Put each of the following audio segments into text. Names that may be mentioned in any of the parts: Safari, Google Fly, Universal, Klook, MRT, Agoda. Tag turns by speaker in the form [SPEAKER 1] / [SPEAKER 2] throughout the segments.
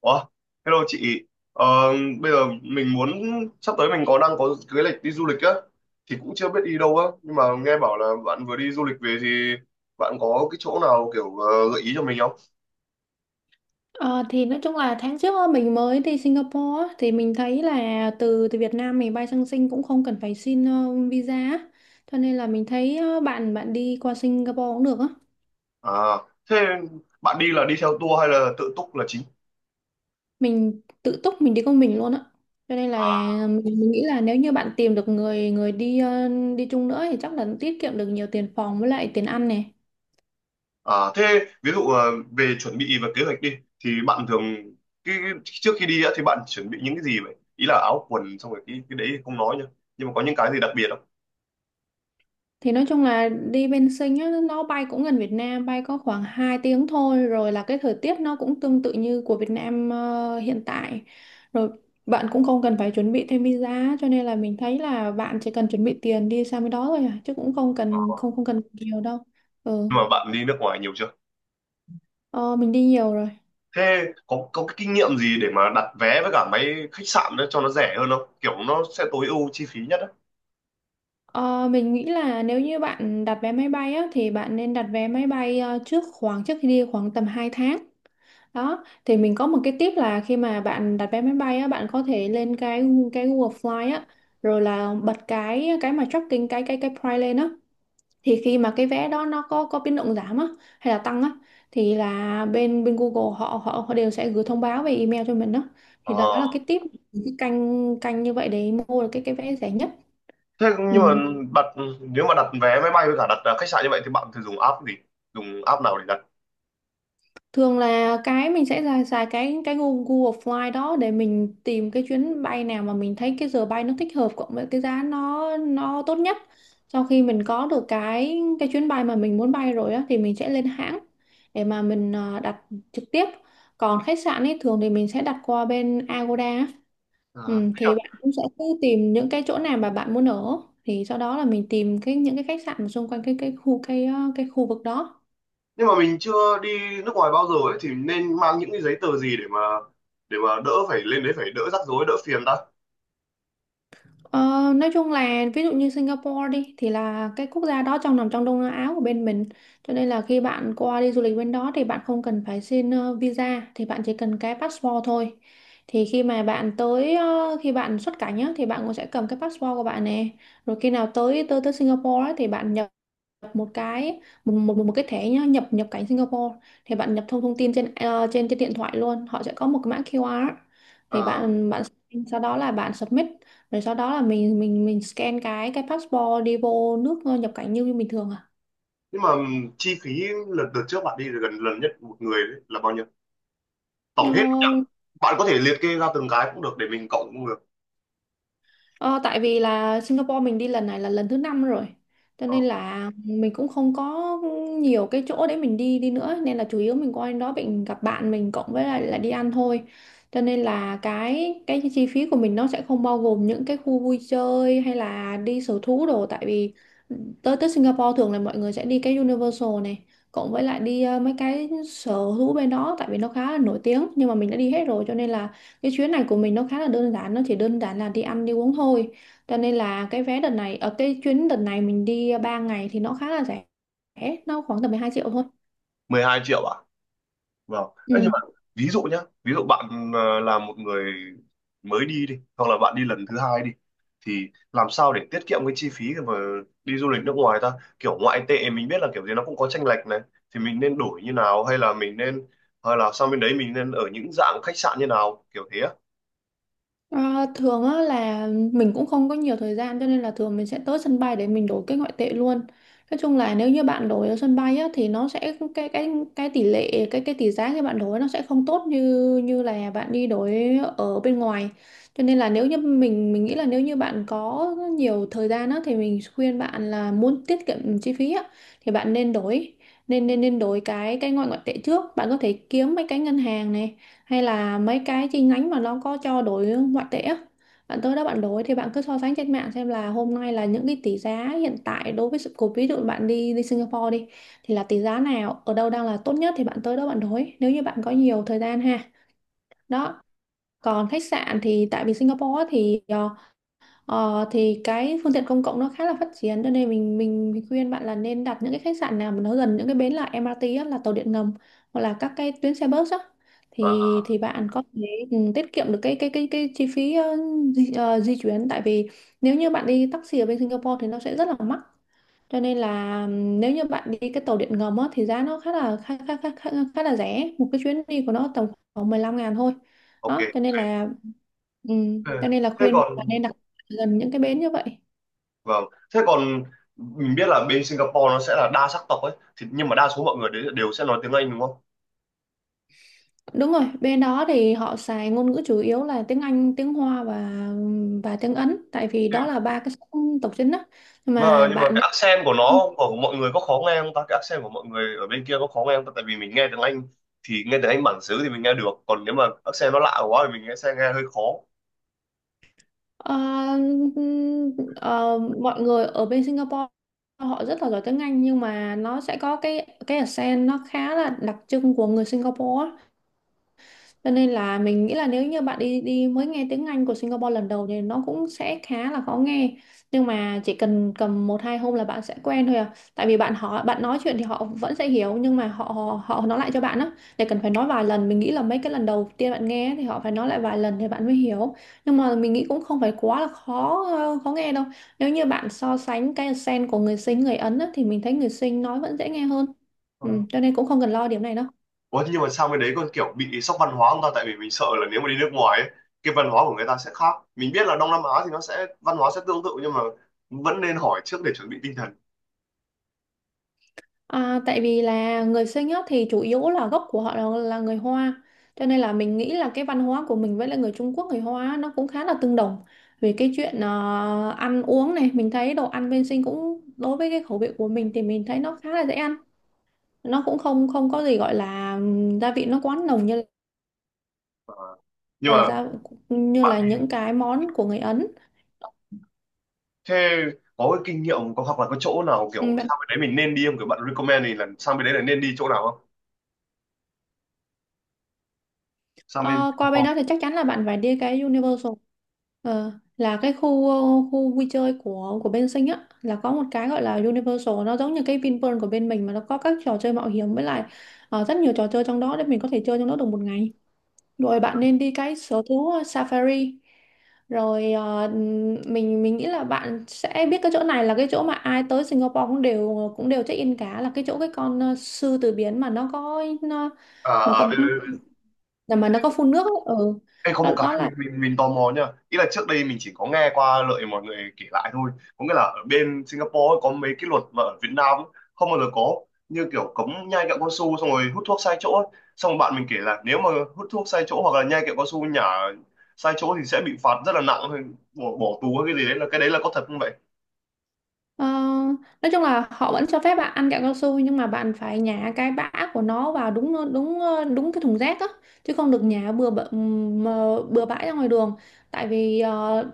[SPEAKER 1] Ủa, hello chị. Ờ, bây giờ mình muốn sắp tới mình có đang có kế hoạch đi du lịch á, thì cũng chưa biết đi đâu á, nhưng mà nghe bảo là bạn vừa đi du lịch về thì bạn có cái chỗ nào kiểu gợi ý cho mình không?
[SPEAKER 2] Ờ, thì nói chung là tháng trước á, mình mới đi Singapore á, thì mình thấy là từ từ Việt Nam mình bay sang Sing cũng không cần phải xin visa á. Cho nên là mình thấy bạn bạn đi qua Singapore cũng được á.
[SPEAKER 1] À, thế bạn đi là đi theo tour hay là tự túc là chính?
[SPEAKER 2] Mình tự túc mình đi con mình luôn á. Cho nên là mình nghĩ là nếu như bạn tìm được người người đi đi chung nữa thì chắc là tiết kiệm được nhiều tiền phòng với lại tiền ăn này.
[SPEAKER 1] À, thế ví dụ về chuẩn bị và kế hoạch đi thì bạn thường trước khi đi á thì bạn chuẩn bị những cái gì vậy? Ý là áo quần xong rồi cái đấy thì không nói nhá. Nhưng mà có những cái gì đặc biệt không?
[SPEAKER 2] Thì nói chung là đi bên Sinh á, nó bay cũng gần Việt Nam, bay có khoảng 2 tiếng thôi, rồi là cái thời tiết nó cũng tương tự như của Việt Nam hiện tại. Rồi bạn cũng không cần phải chuẩn bị thêm visa, cho nên là mình thấy là bạn chỉ cần chuẩn bị tiền đi sang bên đó thôi à, chứ cũng không cần không không cần nhiều đâu. Ừ,
[SPEAKER 1] Nhưng mà bạn đi nước ngoài nhiều chưa?
[SPEAKER 2] ờ, mình đi nhiều rồi.
[SPEAKER 1] Thế có cái kinh nghiệm gì để mà đặt vé với cả máy khách sạn đó cho nó rẻ hơn không? Kiểu nó sẽ tối ưu chi phí nhất á.
[SPEAKER 2] Ờ, mình nghĩ là nếu như bạn đặt vé máy bay á, thì bạn nên đặt vé máy bay trước khoảng trước khi đi khoảng tầm 2 tháng. Đó, thì mình có một cái tip là khi mà bạn đặt vé máy bay á, bạn có thể lên cái Google Fly á, rồi là bật cái mà tracking cái price lên á. Thì khi mà cái vé đó nó có biến động giảm á hay là tăng á thì là bên bên Google họ họ họ đều sẽ gửi thông báo về email cho mình đó. Thì đó
[SPEAKER 1] Ờ.
[SPEAKER 2] là cái tip cái canh canh như vậy để mua được cái vé rẻ nhất.
[SPEAKER 1] Thế
[SPEAKER 2] Ừ.
[SPEAKER 1] nhưng mà đặt, nếu mà đặt vé máy bay với cả đặt à, khách sạn như vậy thì bạn thường dùng app gì? Dùng app nào để đặt?
[SPEAKER 2] Thường là cái mình sẽ xài cái Google Google Fly đó để mình tìm cái chuyến bay nào mà mình thấy cái giờ bay nó thích hợp cộng với cái giá nó tốt nhất. Sau khi mình có được cái chuyến bay mà mình muốn bay rồi á thì mình sẽ lên hãng để mà mình đặt trực tiếp. Còn khách sạn ấy thường thì mình sẽ đặt qua bên Agoda á.
[SPEAKER 1] Ờ,
[SPEAKER 2] Ừ,
[SPEAKER 1] thế
[SPEAKER 2] thì
[SPEAKER 1] nhở?
[SPEAKER 2] bạn cũng sẽ cứ tìm những cái chỗ nào mà bạn muốn ở thì sau đó là mình tìm cái những cái khách sạn mà xung quanh cái khu cái cái khu vực đó.
[SPEAKER 1] Nhưng mà mình chưa đi nước ngoài bao giờ ấy, thì nên mang những cái giấy tờ gì để mà đỡ phải lên đấy, phải đỡ rắc rối, đỡ phiền ta.
[SPEAKER 2] Ờ, nói chung là ví dụ như Singapore đi thì là cái quốc gia đó trong nằm trong Đông Nam Á của bên mình, cho nên là khi bạn qua đi du lịch bên đó thì bạn không cần phải xin visa, thì bạn chỉ cần cái passport thôi. Thì khi mà bạn tới khi bạn xuất cảnh á, thì bạn cũng sẽ cầm cái passport của bạn nè, rồi khi nào tới tới tới Singapore á, thì bạn nhập nhập một cái một cái thẻ nhá nhập nhập cảnh Singapore, thì bạn nhập thông thông tin trên trên trên điện thoại luôn, họ sẽ có một cái mã QR, thì
[SPEAKER 1] ờ,
[SPEAKER 2] bạn bạn sau đó là bạn submit, rồi sau đó là mình scan cái passport đi vô nước nhập cảnh như như bình thường à.
[SPEAKER 1] Nhưng mà chi phí lần đợt trước bạn đi thì gần lần nhất một người đấy là bao nhiêu?
[SPEAKER 2] Ờ,
[SPEAKER 1] Tổng hết bạn có thể liệt kê ra từng cái cũng được để mình cộng cũng được.
[SPEAKER 2] Ờ, tại vì là Singapore mình đi lần này là lần thứ năm rồi, cho
[SPEAKER 1] Ờ.
[SPEAKER 2] nên là mình cũng không có nhiều cái chỗ để mình đi đi nữa, nên là chủ yếu mình qua đến đó mình gặp bạn mình cộng với lại là đi ăn thôi. Cho nên là cái chi phí của mình nó sẽ không bao gồm những cái khu vui chơi hay là đi sở thú đồ, tại vì tới tới Singapore thường là mọi người sẽ đi cái Universal này, cộng với lại đi mấy cái sở thú bên đó tại vì nó khá là nổi tiếng, nhưng mà mình đã đi hết rồi cho nên là cái chuyến này của mình nó khá là đơn giản, nó chỉ đơn giản là đi ăn đi uống thôi. Cho nên là cái vé đợt này ở cái chuyến đợt này mình đi 3 ngày thì nó khá là rẻ, nó khoảng tầm 12 triệu thôi.
[SPEAKER 1] 12 triệu à? Vâng. Đấy, nhưng
[SPEAKER 2] Ừ.
[SPEAKER 1] mà ví dụ nhá, ví dụ bạn là một người mới đi đi, hoặc là bạn đi lần thứ hai đi, thì làm sao để tiết kiệm cái chi phí mà đi du lịch nước ngoài ta? Kiểu ngoại tệ mình biết là kiểu gì nó cũng có chênh lệch này, thì mình nên đổi như nào, hay là mình nên, hay là sang bên đấy mình nên ở những dạng khách sạn như nào kiểu thế á?
[SPEAKER 2] À, thường á, là mình cũng không có nhiều thời gian cho nên là thường mình sẽ tới sân bay để mình đổi cái ngoại tệ luôn. Nói chung là nếu như bạn đổi ở sân bay á, thì nó sẽ cái tỷ lệ cái tỷ giá khi bạn đổi nó sẽ không tốt như như là bạn đi đổi ở bên ngoài. Cho nên là nếu như mình nghĩ là nếu như bạn có nhiều thời gian á, thì mình khuyên bạn là muốn tiết kiệm chi phí á, thì bạn nên đổi nên nên nên đổi cái ngoại ngoại tệ trước. Bạn có thể kiếm mấy cái ngân hàng này hay là mấy cái chi nhánh mà nó có cho đổi ngoại tệ á, bạn tới đó bạn đổi. Thì bạn cứ so sánh trên mạng xem là hôm nay là những cái tỷ giá hiện tại đối với sự cục, ví dụ bạn đi đi Singapore đi, thì là tỷ giá nào ở đâu đang là tốt nhất thì bạn tới đó bạn đổi, nếu như bạn có nhiều thời gian ha. Đó, còn khách sạn thì tại vì Singapore á thì thì cái phương tiện công cộng nó khá là phát triển, cho nên mình khuyên bạn là nên đặt những cái khách sạn nào mà nó gần những cái bến là MRT á, là tàu điện ngầm hoặc là các cái tuyến xe bus á,
[SPEAKER 1] À,
[SPEAKER 2] thì bạn có thể ừ, tiết kiệm được cái chi phí di chuyển. Tại vì nếu như bạn đi taxi ở bên Singapore thì nó sẽ rất là mắc, cho nên là nếu như bạn đi cái tàu điện ngầm á, thì giá nó khá là khá, khá, khá, khá, khá là rẻ, một cái chuyến đi của nó tầm khoảng 15 ngàn thôi.
[SPEAKER 1] ok,
[SPEAKER 2] Đó
[SPEAKER 1] ok.
[SPEAKER 2] cho
[SPEAKER 1] Ừ.
[SPEAKER 2] nên là
[SPEAKER 1] Thế
[SPEAKER 2] khuyên bạn
[SPEAKER 1] còn
[SPEAKER 2] nên đặt gần những cái bến như vậy.
[SPEAKER 1] vâng, thế còn mình biết là bên Singapore nó sẽ là đa sắc tộc ấy, thì nhưng mà đa số mọi người đấy đều sẽ nói tiếng Anh đúng không?
[SPEAKER 2] Đúng rồi, bên đó thì họ xài ngôn ngữ chủ yếu là tiếng Anh, tiếng Hoa và tiếng Ấn, tại vì đó là ba cái sắc tộc chính á. Nhưng
[SPEAKER 1] Mà
[SPEAKER 2] mà
[SPEAKER 1] nhưng mà
[SPEAKER 2] bạn
[SPEAKER 1] cái accent của nó, của mọi người có khó nghe không ta? Cái accent của mọi người ở bên kia có khó nghe không ta? Tại vì mình nghe tiếng Anh thì nghe tiếng Anh bản xứ thì mình nghe được, còn nếu mà accent nó lạ quá thì mình nghe sẽ nghe hơi khó.
[SPEAKER 2] Ờ, ờ, mọi người ở bên Singapore họ rất là giỏi tiếng Anh, nhưng mà nó sẽ có cái accent nó khá là đặc trưng của người Singapore á. Cho nên là mình nghĩ là nếu như bạn đi đi mới nghe tiếng Anh của Singapore lần đầu thì nó cũng sẽ khá là khó nghe. Nhưng mà chỉ cần cầm một hai hôm là bạn sẽ quen thôi à. Tại vì bạn họ bạn nói chuyện thì họ vẫn sẽ hiểu, nhưng mà họ họ, họ nói lại cho bạn á để cần phải nói vài lần. Mình nghĩ là mấy cái lần đầu tiên bạn nghe thì họ phải nói lại vài lần thì bạn mới hiểu. Nhưng mà mình nghĩ cũng không phải quá là khó khó nghe đâu. Nếu như bạn so sánh cái accent của người Sinh người Ấn á, thì mình thấy người Sinh nói vẫn dễ nghe hơn. Ừ,
[SPEAKER 1] Ờ.
[SPEAKER 2] cho nên cũng không cần lo điểm này đâu.
[SPEAKER 1] Ủa, thế nhưng mà sang bên đấy còn kiểu bị sốc văn hóa không ta? Tại vì mình sợ là nếu mà đi nước ngoài ấy, cái văn hóa của người ta sẽ khác, mình biết là Đông Nam Á thì nó sẽ văn hóa sẽ tương tự, nhưng mà vẫn nên hỏi trước để chuẩn bị tinh thần.
[SPEAKER 2] À, tại vì là người sinh á, thì chủ yếu là gốc của họ là người Hoa, cho nên là mình nghĩ là cái văn hóa của mình với lại người Trung Quốc người Hoa á, nó cũng khá là tương đồng. Về cái chuyện ăn uống này, mình thấy đồ ăn bên sinh cũng đối với cái khẩu vị của mình thì mình thấy nó khá là dễ ăn, nó cũng không không có gì gọi là gia vị nó quá nồng như
[SPEAKER 1] Ờ, nhưng
[SPEAKER 2] là
[SPEAKER 1] mà
[SPEAKER 2] như
[SPEAKER 1] bạn
[SPEAKER 2] là
[SPEAKER 1] thì
[SPEAKER 2] những cái món của người Ấn.
[SPEAKER 1] thế có cái kinh nghiệm, có hoặc là có chỗ nào
[SPEAKER 2] Ừ,
[SPEAKER 1] kiểu sang bên đấy mình nên đi không, kiểu bạn recommend thì là sang bên đấy là nên đi chỗ nào không, sang bên
[SPEAKER 2] Ờ, qua bên
[SPEAKER 1] Singapore?
[SPEAKER 2] đó thì chắc chắn là bạn phải đi cái Universal Ờ, là cái khu khu vui chơi của bên Sinh á, là có một cái gọi là Universal, nó giống như cái Vinpearl của bên mình mà nó có các trò chơi mạo hiểm với lại rất nhiều trò chơi trong đó để mình có thể chơi trong đó được một ngày. Rồi bạn nên đi cái sở thú Safari, rồi mình nghĩ là bạn sẽ biết cái chỗ này là cái chỗ mà ai tới Singapore cũng đều check in cả, là cái chỗ cái con sư tử biển mà nó có nó,
[SPEAKER 1] À,
[SPEAKER 2] mà
[SPEAKER 1] à,
[SPEAKER 2] có
[SPEAKER 1] biết.
[SPEAKER 2] là mà nó có phun nước ấy. Ừ.
[SPEAKER 1] Ê, có một
[SPEAKER 2] Đó,
[SPEAKER 1] cái
[SPEAKER 2] đó
[SPEAKER 1] mình
[SPEAKER 2] là
[SPEAKER 1] mình mình tò mò nha, ý là trước đây mình chỉ có nghe qua lợi mọi người kể lại thôi, có nghĩa là ở bên Singapore ấy, có mấy cái luật mà ở Việt Nam ấy, không bao giờ có, như kiểu cấm nhai kẹo cao su xong rồi hút thuốc sai chỗ ấy. Xong rồi bạn mình kể là nếu mà hút thuốc sai chỗ hoặc là nhai kẹo cao su nhả sai chỗ thì sẽ bị phạt rất là nặng, hay bỏ bỏ tù hay cái gì đấy, là cái đấy là có thật không vậy?
[SPEAKER 2] Ờ, nói chung là họ vẫn cho phép bạn ăn kẹo cao su, nhưng mà bạn phải nhả cái bã của nó vào đúng đúng đúng cái thùng rác á, chứ không được nhả mà bừa bãi ra ngoài đường. Tại vì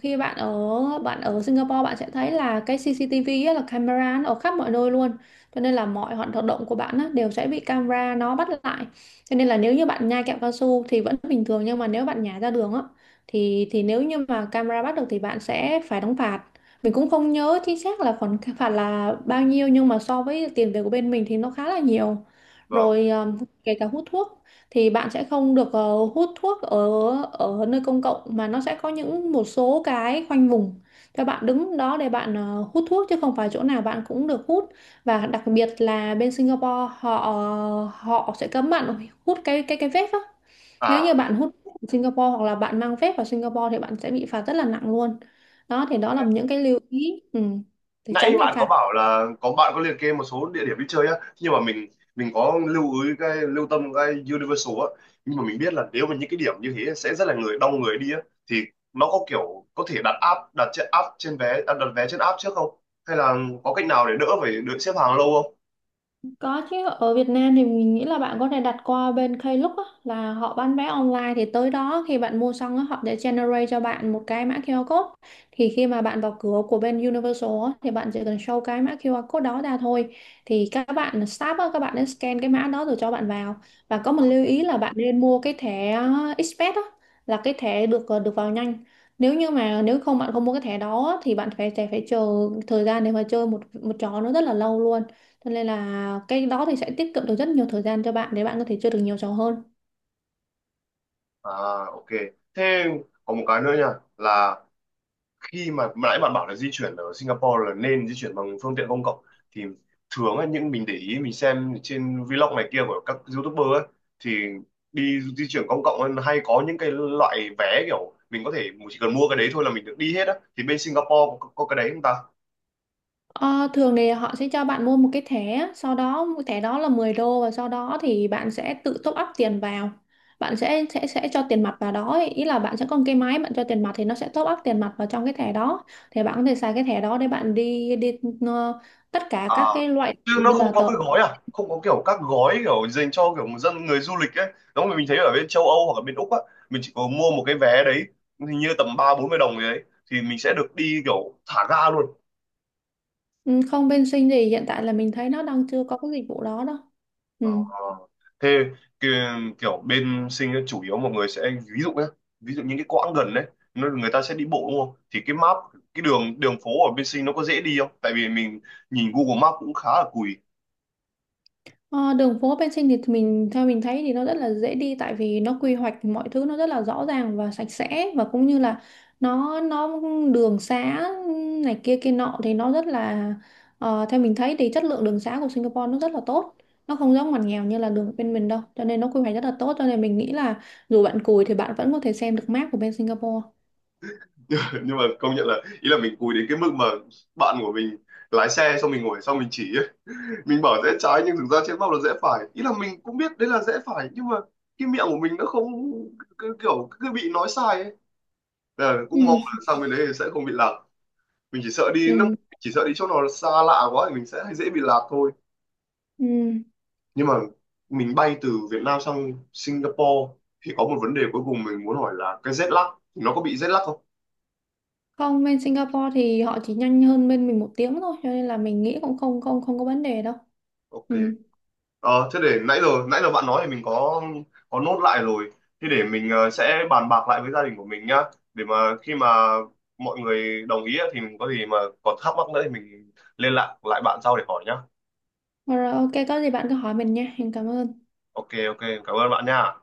[SPEAKER 2] khi bạn ở Singapore, bạn sẽ thấy là cái CCTV á, là camera nó ở khắp mọi nơi luôn. Cho nên là mọi hoạt động của bạn á, đều sẽ bị camera nó bắt lại. Cho nên là nếu như bạn nhai kẹo cao su thì vẫn bình thường, nhưng mà nếu bạn nhả ra đường á, thì nếu như mà camera bắt được thì bạn sẽ phải đóng phạt. Mình cũng không nhớ chính xác là khoản phạt là bao nhiêu, nhưng mà so với tiền về của bên mình thì nó khá là nhiều.
[SPEAKER 1] Vâng.
[SPEAKER 2] Rồi kể cả hút thuốc thì bạn sẽ không được hút thuốc ở ở nơi công cộng, mà nó sẽ có những một số cái khoanh vùng cho bạn đứng đó để bạn hút thuốc, chứ không phải chỗ nào bạn cũng được hút. Và đặc biệt là bên Singapore họ họ sẽ cấm bạn hút cái cái vape á. Nếu
[SPEAKER 1] À,
[SPEAKER 2] như bạn hút phép ở Singapore hoặc là bạn mang phép vào Singapore thì bạn sẽ bị phạt rất là nặng luôn. Đó thì đó là những cái lưu ý để
[SPEAKER 1] nãy
[SPEAKER 2] tránh bị
[SPEAKER 1] bạn có
[SPEAKER 2] phạt.
[SPEAKER 1] bảo là có, bạn có liệt kê một số địa điểm đi chơi á, nhưng mà mình, mình lưu ý, cái lưu tâm cái Universal á, nhưng mà mình biết là nếu mà những cái điểm như thế sẽ rất là người đông người đi á, thì nó có kiểu có thể đặt app, đặt trên app, trên vé à, đặt vé trên app trước không, hay là có cách nào để đỡ phải đợi xếp hàng lâu không?
[SPEAKER 2] Có chứ, ở Việt Nam thì mình nghĩ là bạn có thể đặt qua bên Klook á, là họ bán vé online, thì tới đó khi bạn mua xong á, họ sẽ generate cho bạn một cái mã QR code. Thì khi mà bạn vào cửa của bên Universal á, thì bạn chỉ cần show cái mã QR code đó ra thôi. Thì các bạn staff á, các bạn nên scan cái mã đó rồi cho bạn vào. Và có một lưu ý là bạn nên mua cái thẻ Express á, là cái thẻ được được vào nhanh. Nếu như mà nếu không bạn không mua cái thẻ đó á, thì bạn phải phải, phải chờ thời gian để mà chơi một một trò nó rất là lâu luôn. Cho nên là cái đó thì sẽ tiết kiệm được rất nhiều thời gian cho bạn để bạn có thể chơi được nhiều trò hơn.
[SPEAKER 1] À, ok, thế còn một cái nữa nha, là khi mà, nãy bạn bảo là di chuyển ở Singapore là nên di chuyển bằng phương tiện công cộng, thì thường á, những mình để ý mình xem trên vlog này kia của các YouTuber ấy, thì đi di chuyển công cộng ấy, hay có những cái loại vé kiểu mình có thể, mình chỉ cần mua cái đấy thôi là mình được đi hết á, thì bên Singapore có cái đấy không ta?
[SPEAKER 2] Ờ, thường thì họ sẽ cho bạn mua một cái thẻ, sau đó thẻ đó là 10 đô, và sau đó thì bạn sẽ tự top up tiền vào. Bạn sẽ cho tiền mặt vào đó, ấy. Ý là bạn sẽ có một cái máy, bạn cho tiền mặt thì nó sẽ top up tiền mặt vào trong cái thẻ đó. Thì bạn có thể xài cái thẻ đó để bạn đi đi ờ, tất cả
[SPEAKER 1] À,
[SPEAKER 2] các cái loại
[SPEAKER 1] chứ nó
[SPEAKER 2] như
[SPEAKER 1] không
[SPEAKER 2] là
[SPEAKER 1] có cái
[SPEAKER 2] tàu.
[SPEAKER 1] gói, à không, có kiểu các gói kiểu dành cho kiểu dân người du lịch ấy, giống như mình thấy ở bên châu Âu hoặc ở bên Úc á, mình chỉ có mua một cái vé đấy, hình như tầm 30-40 đồng gì đấy, thì mình sẽ được đi kiểu thả ga luôn.
[SPEAKER 2] Không, bên Sinh gì hiện tại là mình thấy nó đang chưa có cái dịch vụ đó đâu.
[SPEAKER 1] Ờ,
[SPEAKER 2] Ừ.
[SPEAKER 1] thế ki- kiểu bên sinh ấy, chủ yếu mọi người sẽ, ví dụ nhé, ví dụ những cái quãng gần đấy nó- người ta sẽ đi bộ đúng không? Thì cái map, cái đường, đường phố ở bên sinh nó có dễ đi không, tại vì mình nhìn Google Maps cũng khá là cùi.
[SPEAKER 2] Ờ, đường phố bên Sinh thì mình, theo mình thấy thì nó rất là dễ đi, tại vì nó quy hoạch mọi thứ nó rất là rõ ràng và sạch sẽ, và cũng như là nó đường xá này kia kia nọ thì nó rất là theo mình thấy thì chất lượng đường xá của Singapore nó rất là tốt, nó không giống ngoằn nghèo như là đường bên mình đâu, cho nên nó quy hoạch rất là tốt, cho nên mình nghĩ là dù bạn cùi thì bạn vẫn có thể xem được map của bên Singapore.
[SPEAKER 1] Nhưng mà công nhận là, ý là mình cùi đến cái mức mà bạn của mình lái xe xong mình ngồi xong mình chỉ ấy. Mình bảo rẽ trái nhưng thực ra trên map là rẽ phải, ý là mình cũng biết đấy là rẽ phải nhưng mà cái miệng của mình nó không, kiểu cứ bị nói sai ấy. Ờ, cũng mong là
[SPEAKER 2] ừ,
[SPEAKER 1] sang bên đấy thì sẽ không bị lạc, mình chỉ sợ đi nước,
[SPEAKER 2] ừ,
[SPEAKER 1] chỉ sợ đi chỗ nào xa lạ quá thì mình sẽ dễ bị lạc thôi.
[SPEAKER 2] ừ.
[SPEAKER 1] Nhưng mà mình bay từ Việt Nam sang Singapore thì có một vấn đề cuối cùng mình muốn hỏi là cái jet lag, thì nó có bị jet lag không?
[SPEAKER 2] Không, bên Singapore thì họ chỉ nhanh hơn bên mình một tiếng thôi, cho nên là mình nghĩ cũng không không không có vấn đề đâu.
[SPEAKER 1] Ok.
[SPEAKER 2] Ừ.
[SPEAKER 1] Ờ, thế để nãy giờ bạn nói thì mình có nốt lại rồi, thế để mình sẽ bàn bạc lại với gia đình của mình nhá, để mà khi mà mọi người đồng ý á, thì mình có gì mà còn thắc mắc nữa thì mình liên lạc lại bạn sau để hỏi nhá.
[SPEAKER 2] Rồi, ok, có gì bạn cứ hỏi mình nha. Em cảm ơn.
[SPEAKER 1] Ok, ok, cảm ơn bạn nha.